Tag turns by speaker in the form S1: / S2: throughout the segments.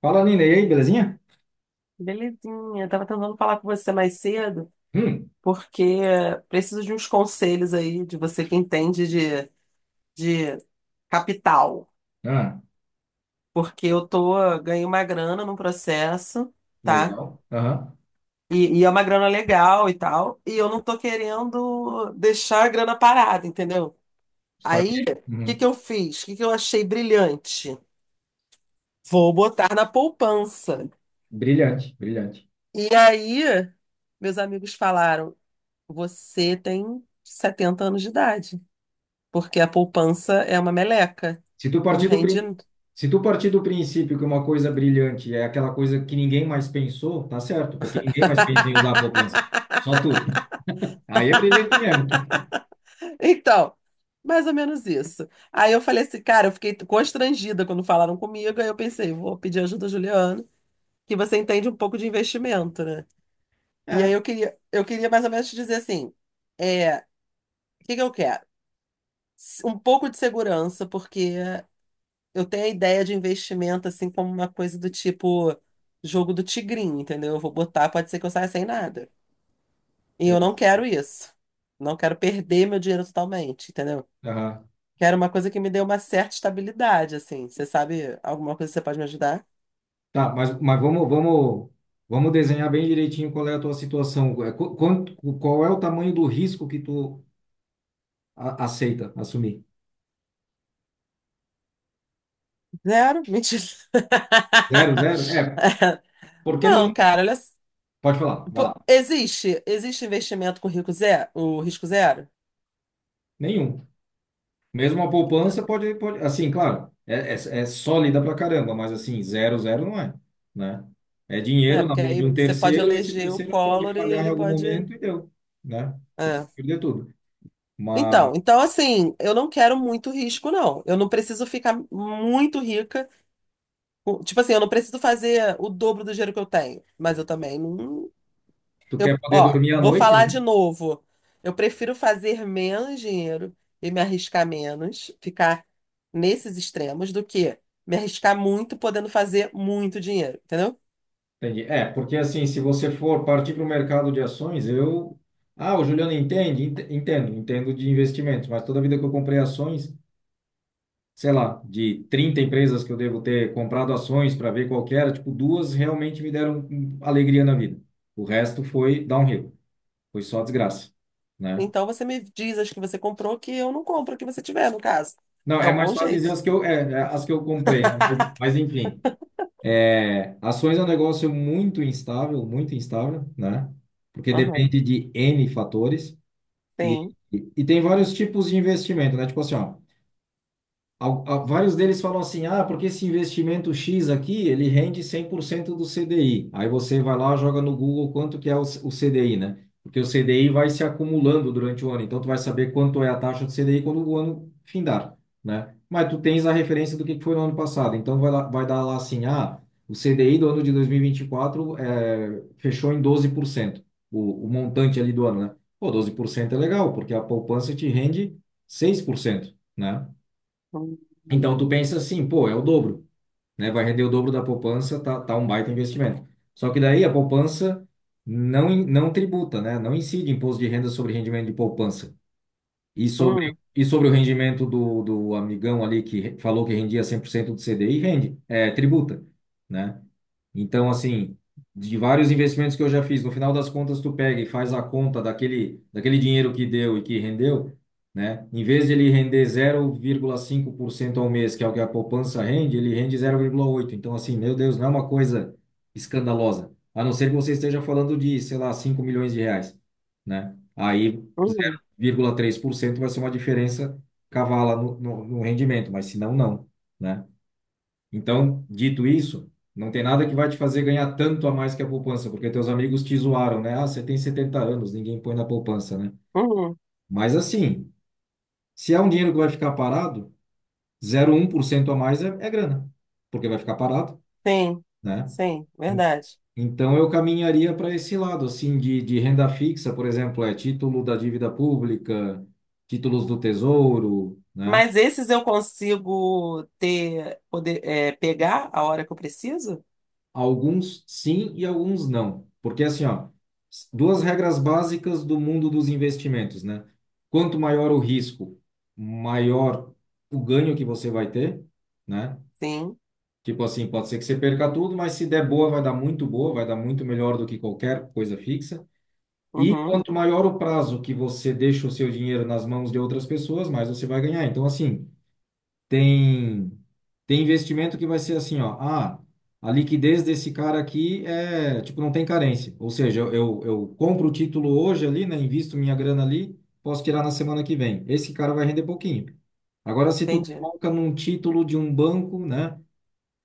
S1: Fala, Nina. E aí, belezinha?
S2: Belezinha, eu tava tentando falar com você mais cedo,
S1: Hum,
S2: porque preciso de uns conselhos aí, de você que entende de capital.
S1: ah,
S2: Porque eu tô, ganhei uma grana num processo, tá?
S1: legal. Aham.
S2: E é uma grana legal e tal, e eu não tô querendo deixar a grana parada, entendeu?
S1: Só que,
S2: Aí, o que
S1: uhum.
S2: eu fiz? O que eu achei brilhante? Vou botar na poupança.
S1: Brilhante, brilhante.
S2: E aí, meus amigos falaram, você tem 70 anos de idade. Porque a poupança é uma meleca.
S1: Se tu
S2: Não
S1: partir do
S2: rende.
S1: prin... Se tu partir do princípio que uma coisa brilhante é aquela coisa que ninguém mais pensou, tá certo, porque ninguém mais pensa em usar a poupança. Só tu. Aí é brilhante mesmo.
S2: Então, mais ou menos isso. Aí eu falei assim, cara, eu fiquei constrangida quando falaram comigo. Aí eu pensei, vou pedir ajuda, a Juliana, que você entende um pouco de investimento, né? E aí
S1: É.
S2: eu queria mais ou menos te dizer assim, o que eu quero? Um pouco de segurança, porque eu tenho a ideia de investimento assim como uma coisa do tipo jogo do tigrinho, entendeu? Eu vou botar, pode ser que eu saia sem nada. E eu não quero
S1: Exato.
S2: isso. Não quero perder meu dinheiro totalmente, entendeu?
S1: Aham.
S2: Quero uma coisa que me dê uma certa estabilidade, assim. Você sabe alguma coisa que você pode me ajudar?
S1: Tá, mas vamos desenhar bem direitinho qual é a tua situação. É, Quanto, qual é o tamanho do risco que tu aceita assumir?
S2: Zero? Mentira.
S1: Zero, zero? É. Porque no
S2: Não, cara, olha.
S1: Pode falar, vai
S2: Pô,
S1: lá.
S2: existe investimento com rico zero, o risco zero?
S1: Nenhum. Mesmo a
S2: Então,
S1: poupança pode, assim, claro, é sólida pra caramba, mas assim, zero, zero não é, né? É
S2: né?
S1: dinheiro na
S2: Porque
S1: mão de
S2: aí
S1: um
S2: você pode
S1: terceiro, esse
S2: eleger o
S1: terceiro pode
S2: Collor e
S1: falhar em
S2: ele
S1: algum
S2: pode.
S1: momento e deu, né? Você
S2: É.
S1: pode perder tudo.
S2: Então,
S1: Mas
S2: então assim, eu não quero muito risco, não. Eu não preciso ficar muito rica. Tipo assim, eu não preciso fazer o dobro do dinheiro que eu tenho, mas eu também não.
S1: tu quer
S2: Eu,
S1: poder
S2: ó,
S1: dormir à
S2: vou
S1: noite,
S2: falar
S1: né?
S2: de novo. Eu prefiro fazer menos dinheiro e me arriscar menos, ficar nesses extremos, do que me arriscar muito podendo fazer muito dinheiro, entendeu?
S1: Entendi. É, porque assim, se você for partir para o mercado de ações, eu... Ah, o Juliano entende? Entendo, entendo de investimentos, mas toda vida que eu comprei ações, sei lá, de 30 empresas que eu devo ter comprado ações para ver qual que era, tipo, duas realmente me deram alegria na vida. O resto foi downhill, foi só desgraça, né?
S2: Então você me diz as que você comprou que eu não compro o que você tiver, no caso.
S1: Não,
S2: É
S1: é
S2: um
S1: mais
S2: bom
S1: fácil dizer
S2: jeito.
S1: as que eu, as que eu comprei, né? Mas enfim, é, ações é um negócio muito instável, né? Porque
S2: Aham,
S1: depende de N fatores e,
S2: sim.
S1: e tem vários tipos de investimento, né? Tipo assim, ó, Vários deles falam assim, ah, porque esse investimento X aqui, ele rende 100% do CDI. Aí você vai lá, joga no Google quanto que é o, o CDI, né? Porque o CDI vai se acumulando durante o ano, então tu vai saber quanto é a taxa do CDI quando o ano findar, né? Mas tu tens a referência do que foi no ano passado, então vai lá, vai dar lá assim, ah, o CDI do ano de 2024 é, fechou em 12%, o montante ali do ano, né? Pô, 12% é legal, porque a poupança te rende 6% né?
S2: Hum,
S1: Então tu pensa assim, pô, é o dobro, né? Vai render o dobro da poupança, tá, tá um baita investimento. Só que daí a poupança não, não tributa, né? Não incide imposto de renda sobre rendimento de poupança. E sobre,
S2: hum,
S1: e sobre o rendimento do, do amigão ali que falou que rendia 100% do CDI, rende, é, tributa, né? Então, assim, de vários investimentos que eu já fiz, no final das contas, tu pega e faz a conta daquele, daquele dinheiro que deu e que rendeu, né? Em vez de ele render 0,5% ao mês, que é o que a poupança rende, ele rende 0,8%. Então, assim, meu Deus, não é uma coisa escandalosa. A não ser que você esteja falando de, sei lá, 5 milhões de reais, né? Aí.
S2: hum,
S1: 0,3% vai ser uma diferença cavala no rendimento, mas se não, não, né? Então, dito isso, não tem nada que vai te fazer ganhar tanto a mais que a poupança, porque teus amigos te zoaram, né? Ah, você tem 70 anos, ninguém põe na poupança, né?
S2: hum.
S1: Mas assim, se é um dinheiro que vai ficar parado, 0,1% a mais é, é grana, porque vai ficar parado,
S2: Sim,
S1: né?
S2: sim,
S1: En-
S2: verdade.
S1: Então, eu caminharia para esse lado, assim, de renda fixa, por exemplo, é título da dívida pública, títulos do tesouro, né?
S2: Mas esses eu consigo ter, poder, é, pegar a hora que eu preciso?
S1: Alguns sim e alguns não. Porque assim, ó, duas regras básicas do mundo dos investimentos, né? Quanto maior o risco, maior o ganho que você vai ter, né?
S2: Sim.
S1: Tipo assim, pode ser que você perca tudo, mas se der boa, vai dar muito boa, vai dar muito melhor do que qualquer coisa fixa. E
S2: Uhum,
S1: quanto maior o prazo que você deixa o seu dinheiro nas mãos de outras pessoas, mais você vai ganhar. Então, assim, tem, tem investimento que vai ser assim, ó. Ah, a liquidez desse cara aqui é, tipo, não tem carência. Ou seja, eu compro o título hoje ali, né? Invisto minha grana ali, posso tirar na semana que vem. Esse cara vai render pouquinho. Agora, se tu
S2: entendi.
S1: coloca num título de um banco, né?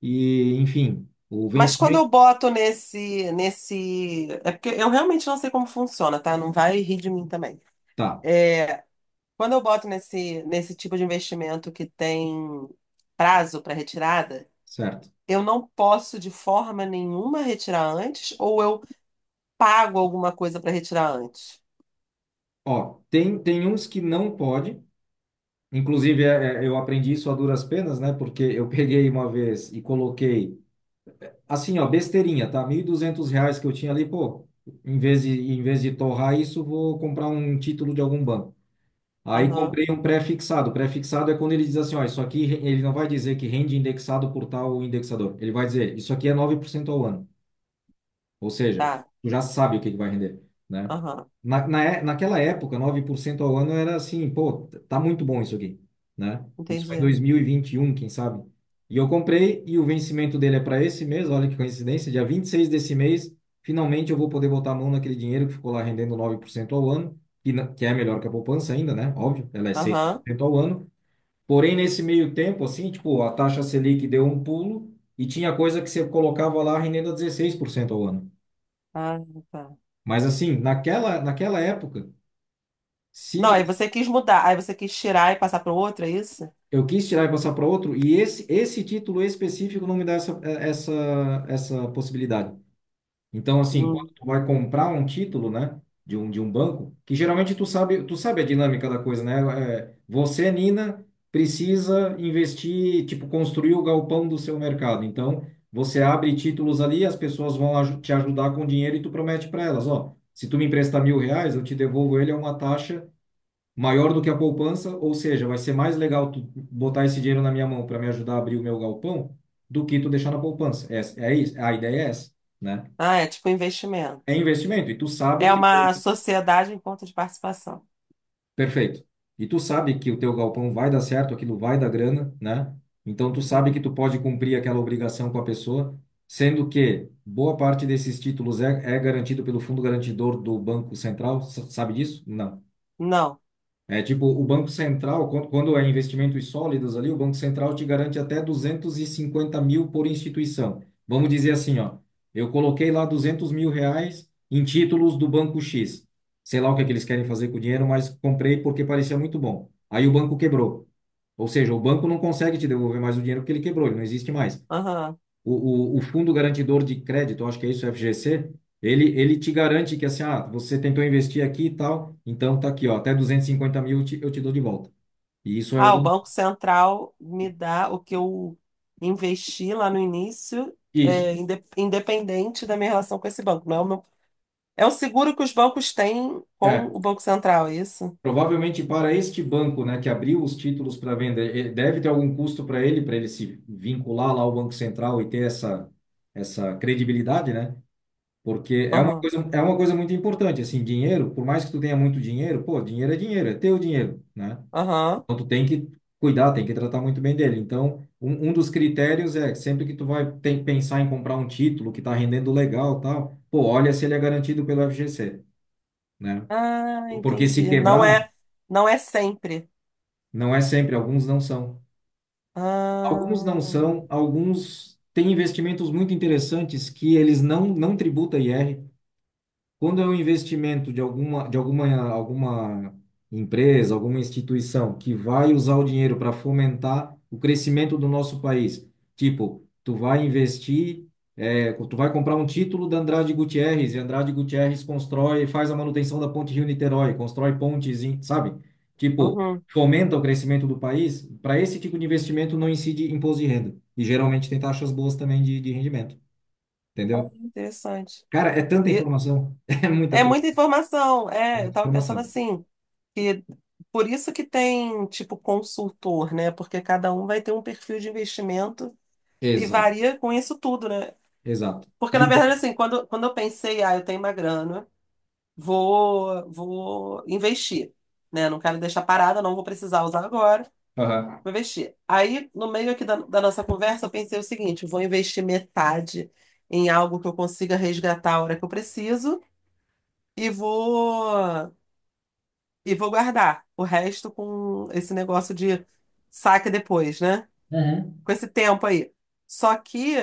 S1: E, enfim, o
S2: Mas quando
S1: vencimento
S2: eu boto nesse. É porque eu realmente não sei como funciona, tá? Não vai rir de mim também.
S1: tá,
S2: É, quando eu boto nesse tipo de investimento que tem prazo para retirada,
S1: certo.
S2: eu não posso de forma nenhuma retirar antes, ou eu pago alguma coisa para retirar antes.
S1: Ó, tem, tem uns que não pode. Inclusive, eu aprendi isso a duras penas, né? Porque eu peguei uma vez e coloquei Assim, ó, besteirinha, tá? 1.200 reais que eu tinha ali, pô, em vez de torrar isso, vou comprar um título de algum banco. Aí
S2: Aham,
S1: comprei um pré-fixado. Pré-fixado é quando ele diz assim, ó, isso aqui, ele não vai dizer que rende indexado por tal indexador. Ele vai dizer, isso aqui é 9% ao ano. Ou seja,
S2: tá.
S1: tu já sabe o que é que vai render, né?
S2: Aham,
S1: Naquela época, 9% ao ano era assim, pô, tá muito bom isso aqui, né? Isso foi em
S2: entendi.
S1: 2021, quem sabe? E eu comprei e o vencimento dele é para esse mês, olha que coincidência, dia 26 desse mês, finalmente eu vou poder botar a mão naquele dinheiro que ficou lá rendendo 9% ao ano, que, que é melhor que a poupança ainda, né? Óbvio, ela é seis por
S2: Aham.
S1: cento ao ano. Porém, nesse meio tempo, assim, tipo, a taxa Selic deu um pulo e tinha coisa que você colocava lá rendendo a 16% ao ano.
S2: Ah, tá.
S1: Mas assim, naquela época,
S2: Não,
S1: se
S2: aí você quis mudar, aí você quis tirar e passar para outro, é isso?
S1: eu quis tirar e passar para outro, e esse título específico não me dá essa, essa possibilidade. Então, assim, quando
S2: Hum.
S1: tu vai comprar um título, né, de de um banco, que geralmente tu sabe a dinâmica da coisa, né? É, você, Nina, precisa investir, tipo, construir o galpão do seu mercado. Então, você abre títulos ali, as pessoas vão te ajudar com dinheiro e tu promete para elas, ó, se tu me emprestar 1.000 reais, eu te devolvo ele a uma taxa maior do que a poupança, ou seja, vai ser mais legal tu botar esse dinheiro na minha mão para me ajudar a abrir o meu galpão do que tu deixar na poupança. É, é isso, a ideia é essa, né?
S2: Ah, é tipo
S1: É
S2: investimento.
S1: investimento e tu sabe
S2: É
S1: que
S2: uma sociedade em conta de participação.
S1: perfeito. E tu sabe que o teu galpão vai dar certo, aquilo vai dar grana, né? Então tu sabe que
S2: Uhum.
S1: tu pode cumprir aquela obrigação com a pessoa, sendo que boa parte desses títulos é, é garantido pelo fundo garantidor do Banco Central, sabe disso? Não.
S2: Não.
S1: É tipo, o Banco Central, quando é investimentos sólidos ali, o Banco Central te garante até 250 mil por instituição. Vamos dizer assim, ó, eu coloquei lá 200 mil reais em títulos do Banco X. Sei lá o que é que eles querem fazer com o dinheiro, mas comprei porque parecia muito bom. Aí o banco quebrou. Ou seja, o banco não consegue te devolver mais o dinheiro porque ele quebrou, ele não existe mais.
S2: Aham.
S1: O Fundo Garantidor de Crédito, eu acho que é isso, FGC, ele te garante que assim, ah, você tentou investir aqui e tal, então tá aqui, ó, até 250 mil eu te dou de volta. E isso é
S2: Ah, o
S1: algum.
S2: Banco Central me dá o que eu investi lá no início,
S1: Isso.
S2: é, independente da minha relação com esse banco. Não é o meu- é um seguro que os bancos têm com
S1: É.
S2: o Banco Central, é isso?
S1: Provavelmente para este banco, né, que abriu os títulos para venda, deve ter algum custo para ele se vincular lá ao Banco Central e ter essa, essa credibilidade, né? Porque
S2: Aham.
S1: é uma coisa muito importante, assim, dinheiro, por mais que tu tenha muito dinheiro, pô, dinheiro, é teu dinheiro, né?
S2: Aham.
S1: Então, tu tem que cuidar, tem que tratar muito bem dele. Então, um dos critérios é sempre que tu vai tem, pensar em comprar um título que está rendendo legal, tal, pô, olha se ele é garantido pelo FGC, né?
S2: Ah,
S1: Porque se
S2: entendi. Não
S1: quebrar,
S2: é, não é sempre.
S1: não é sempre, alguns não são. Alguns não
S2: Ah.
S1: são, alguns têm investimentos muito interessantes que eles não tributam IR, Quando é um investimento de alguma empresa, alguma instituição que vai usar o dinheiro para fomentar o crescimento do nosso país, tipo, tu vai investir, é, tu vai comprar um título da Andrade Gutierrez, e Andrade Gutierrez constrói, faz a manutenção da ponte Rio-Niterói, constrói pontes, sabe? Tipo,
S2: Uhum.
S1: fomenta o crescimento do país. Para esse tipo de investimento não incide imposto de renda. E geralmente tem taxas boas também de rendimento,
S2: Ah,
S1: entendeu?
S2: interessante.
S1: Cara, é tanta
S2: E
S1: informação, é muita
S2: é
S1: coisa.
S2: muita informação.
S1: É
S2: É, eu
S1: muita
S2: estava pensando
S1: informação
S2: assim, que por isso que tem tipo consultor, né? Porque cada um vai ter um perfil de investimento e
S1: Exato,
S2: varia com isso tudo, né?
S1: exato.
S2: Porque na
S1: E,
S2: verdade assim, quando eu pensei, ah, eu tenho uma grana, vou investir, né? Não quero deixar parada, não vou precisar usar agora,
S1: aham.
S2: vou investir. Aí no meio aqui da nossa conversa, eu pensei o seguinte, vou investir metade em algo que eu consiga resgatar a hora que eu preciso e vou e vou guardar o resto com esse negócio de saque depois, né?
S1: Aham.
S2: Com esse tempo aí. Só que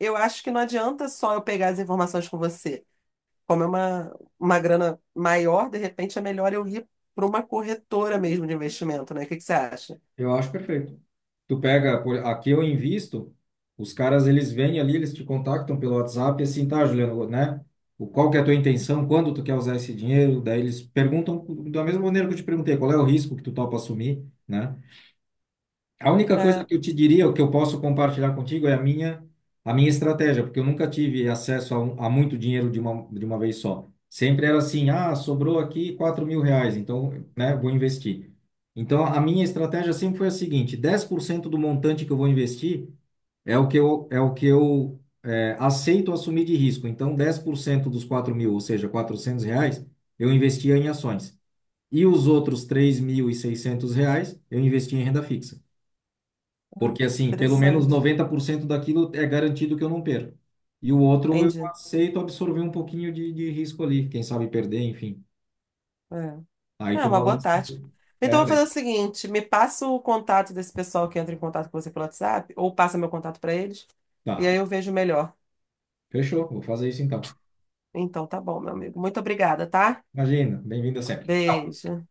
S2: eu acho que não adianta só eu pegar as informações com você. Como é uma grana maior, de repente é melhor eu ir para uma corretora mesmo de investimento, né? O que que você acha?
S1: Eu acho perfeito. Tu pega, aqui eu invisto, os caras eles vêm ali, eles te contactam pelo WhatsApp, e assim, tá, Juliano, né? O, qual que é a tua intenção, quando tu quer usar esse dinheiro? Daí eles perguntam, da mesma maneira que eu te perguntei, qual é o risco que tu topa assumir, né? A única coisa
S2: É,
S1: que eu te diria, o que eu posso compartilhar contigo é a minha estratégia, porque eu nunca tive acesso a, a muito dinheiro de uma vez só. Sempre era assim, ah, sobrou aqui 4.000 reais, então, né, vou investir. Então, a minha estratégia sempre foi a seguinte: 10% do montante que eu vou investir é o que eu aceito assumir de risco. Então, 10% dos 4.000, ou seja, 400 reais, eu investia em ações. E os outros 3.600 reais eu investia em renda fixa. Porque, assim, pelo menos
S2: interessante.
S1: 90% daquilo é garantido que eu não perco. E o outro eu
S2: Entendi.
S1: aceito absorver um pouquinho de risco ali, quem sabe perder, enfim.
S2: É,
S1: Aí
S2: é
S1: tu
S2: uma boa
S1: balança.
S2: tática. Então,
S1: É,
S2: eu vou
S1: daí-
S2: fazer o seguinte: me passa o contato desse pessoal que entra em contato com você pelo WhatsApp, ou passa meu contato para eles, e
S1: tá.
S2: aí eu vejo melhor.
S1: Fechou, vou fazer isso então.
S2: Então tá bom, meu amigo. Muito obrigada, tá?
S1: Imagina, bem-vinda sempre.
S2: Beijo.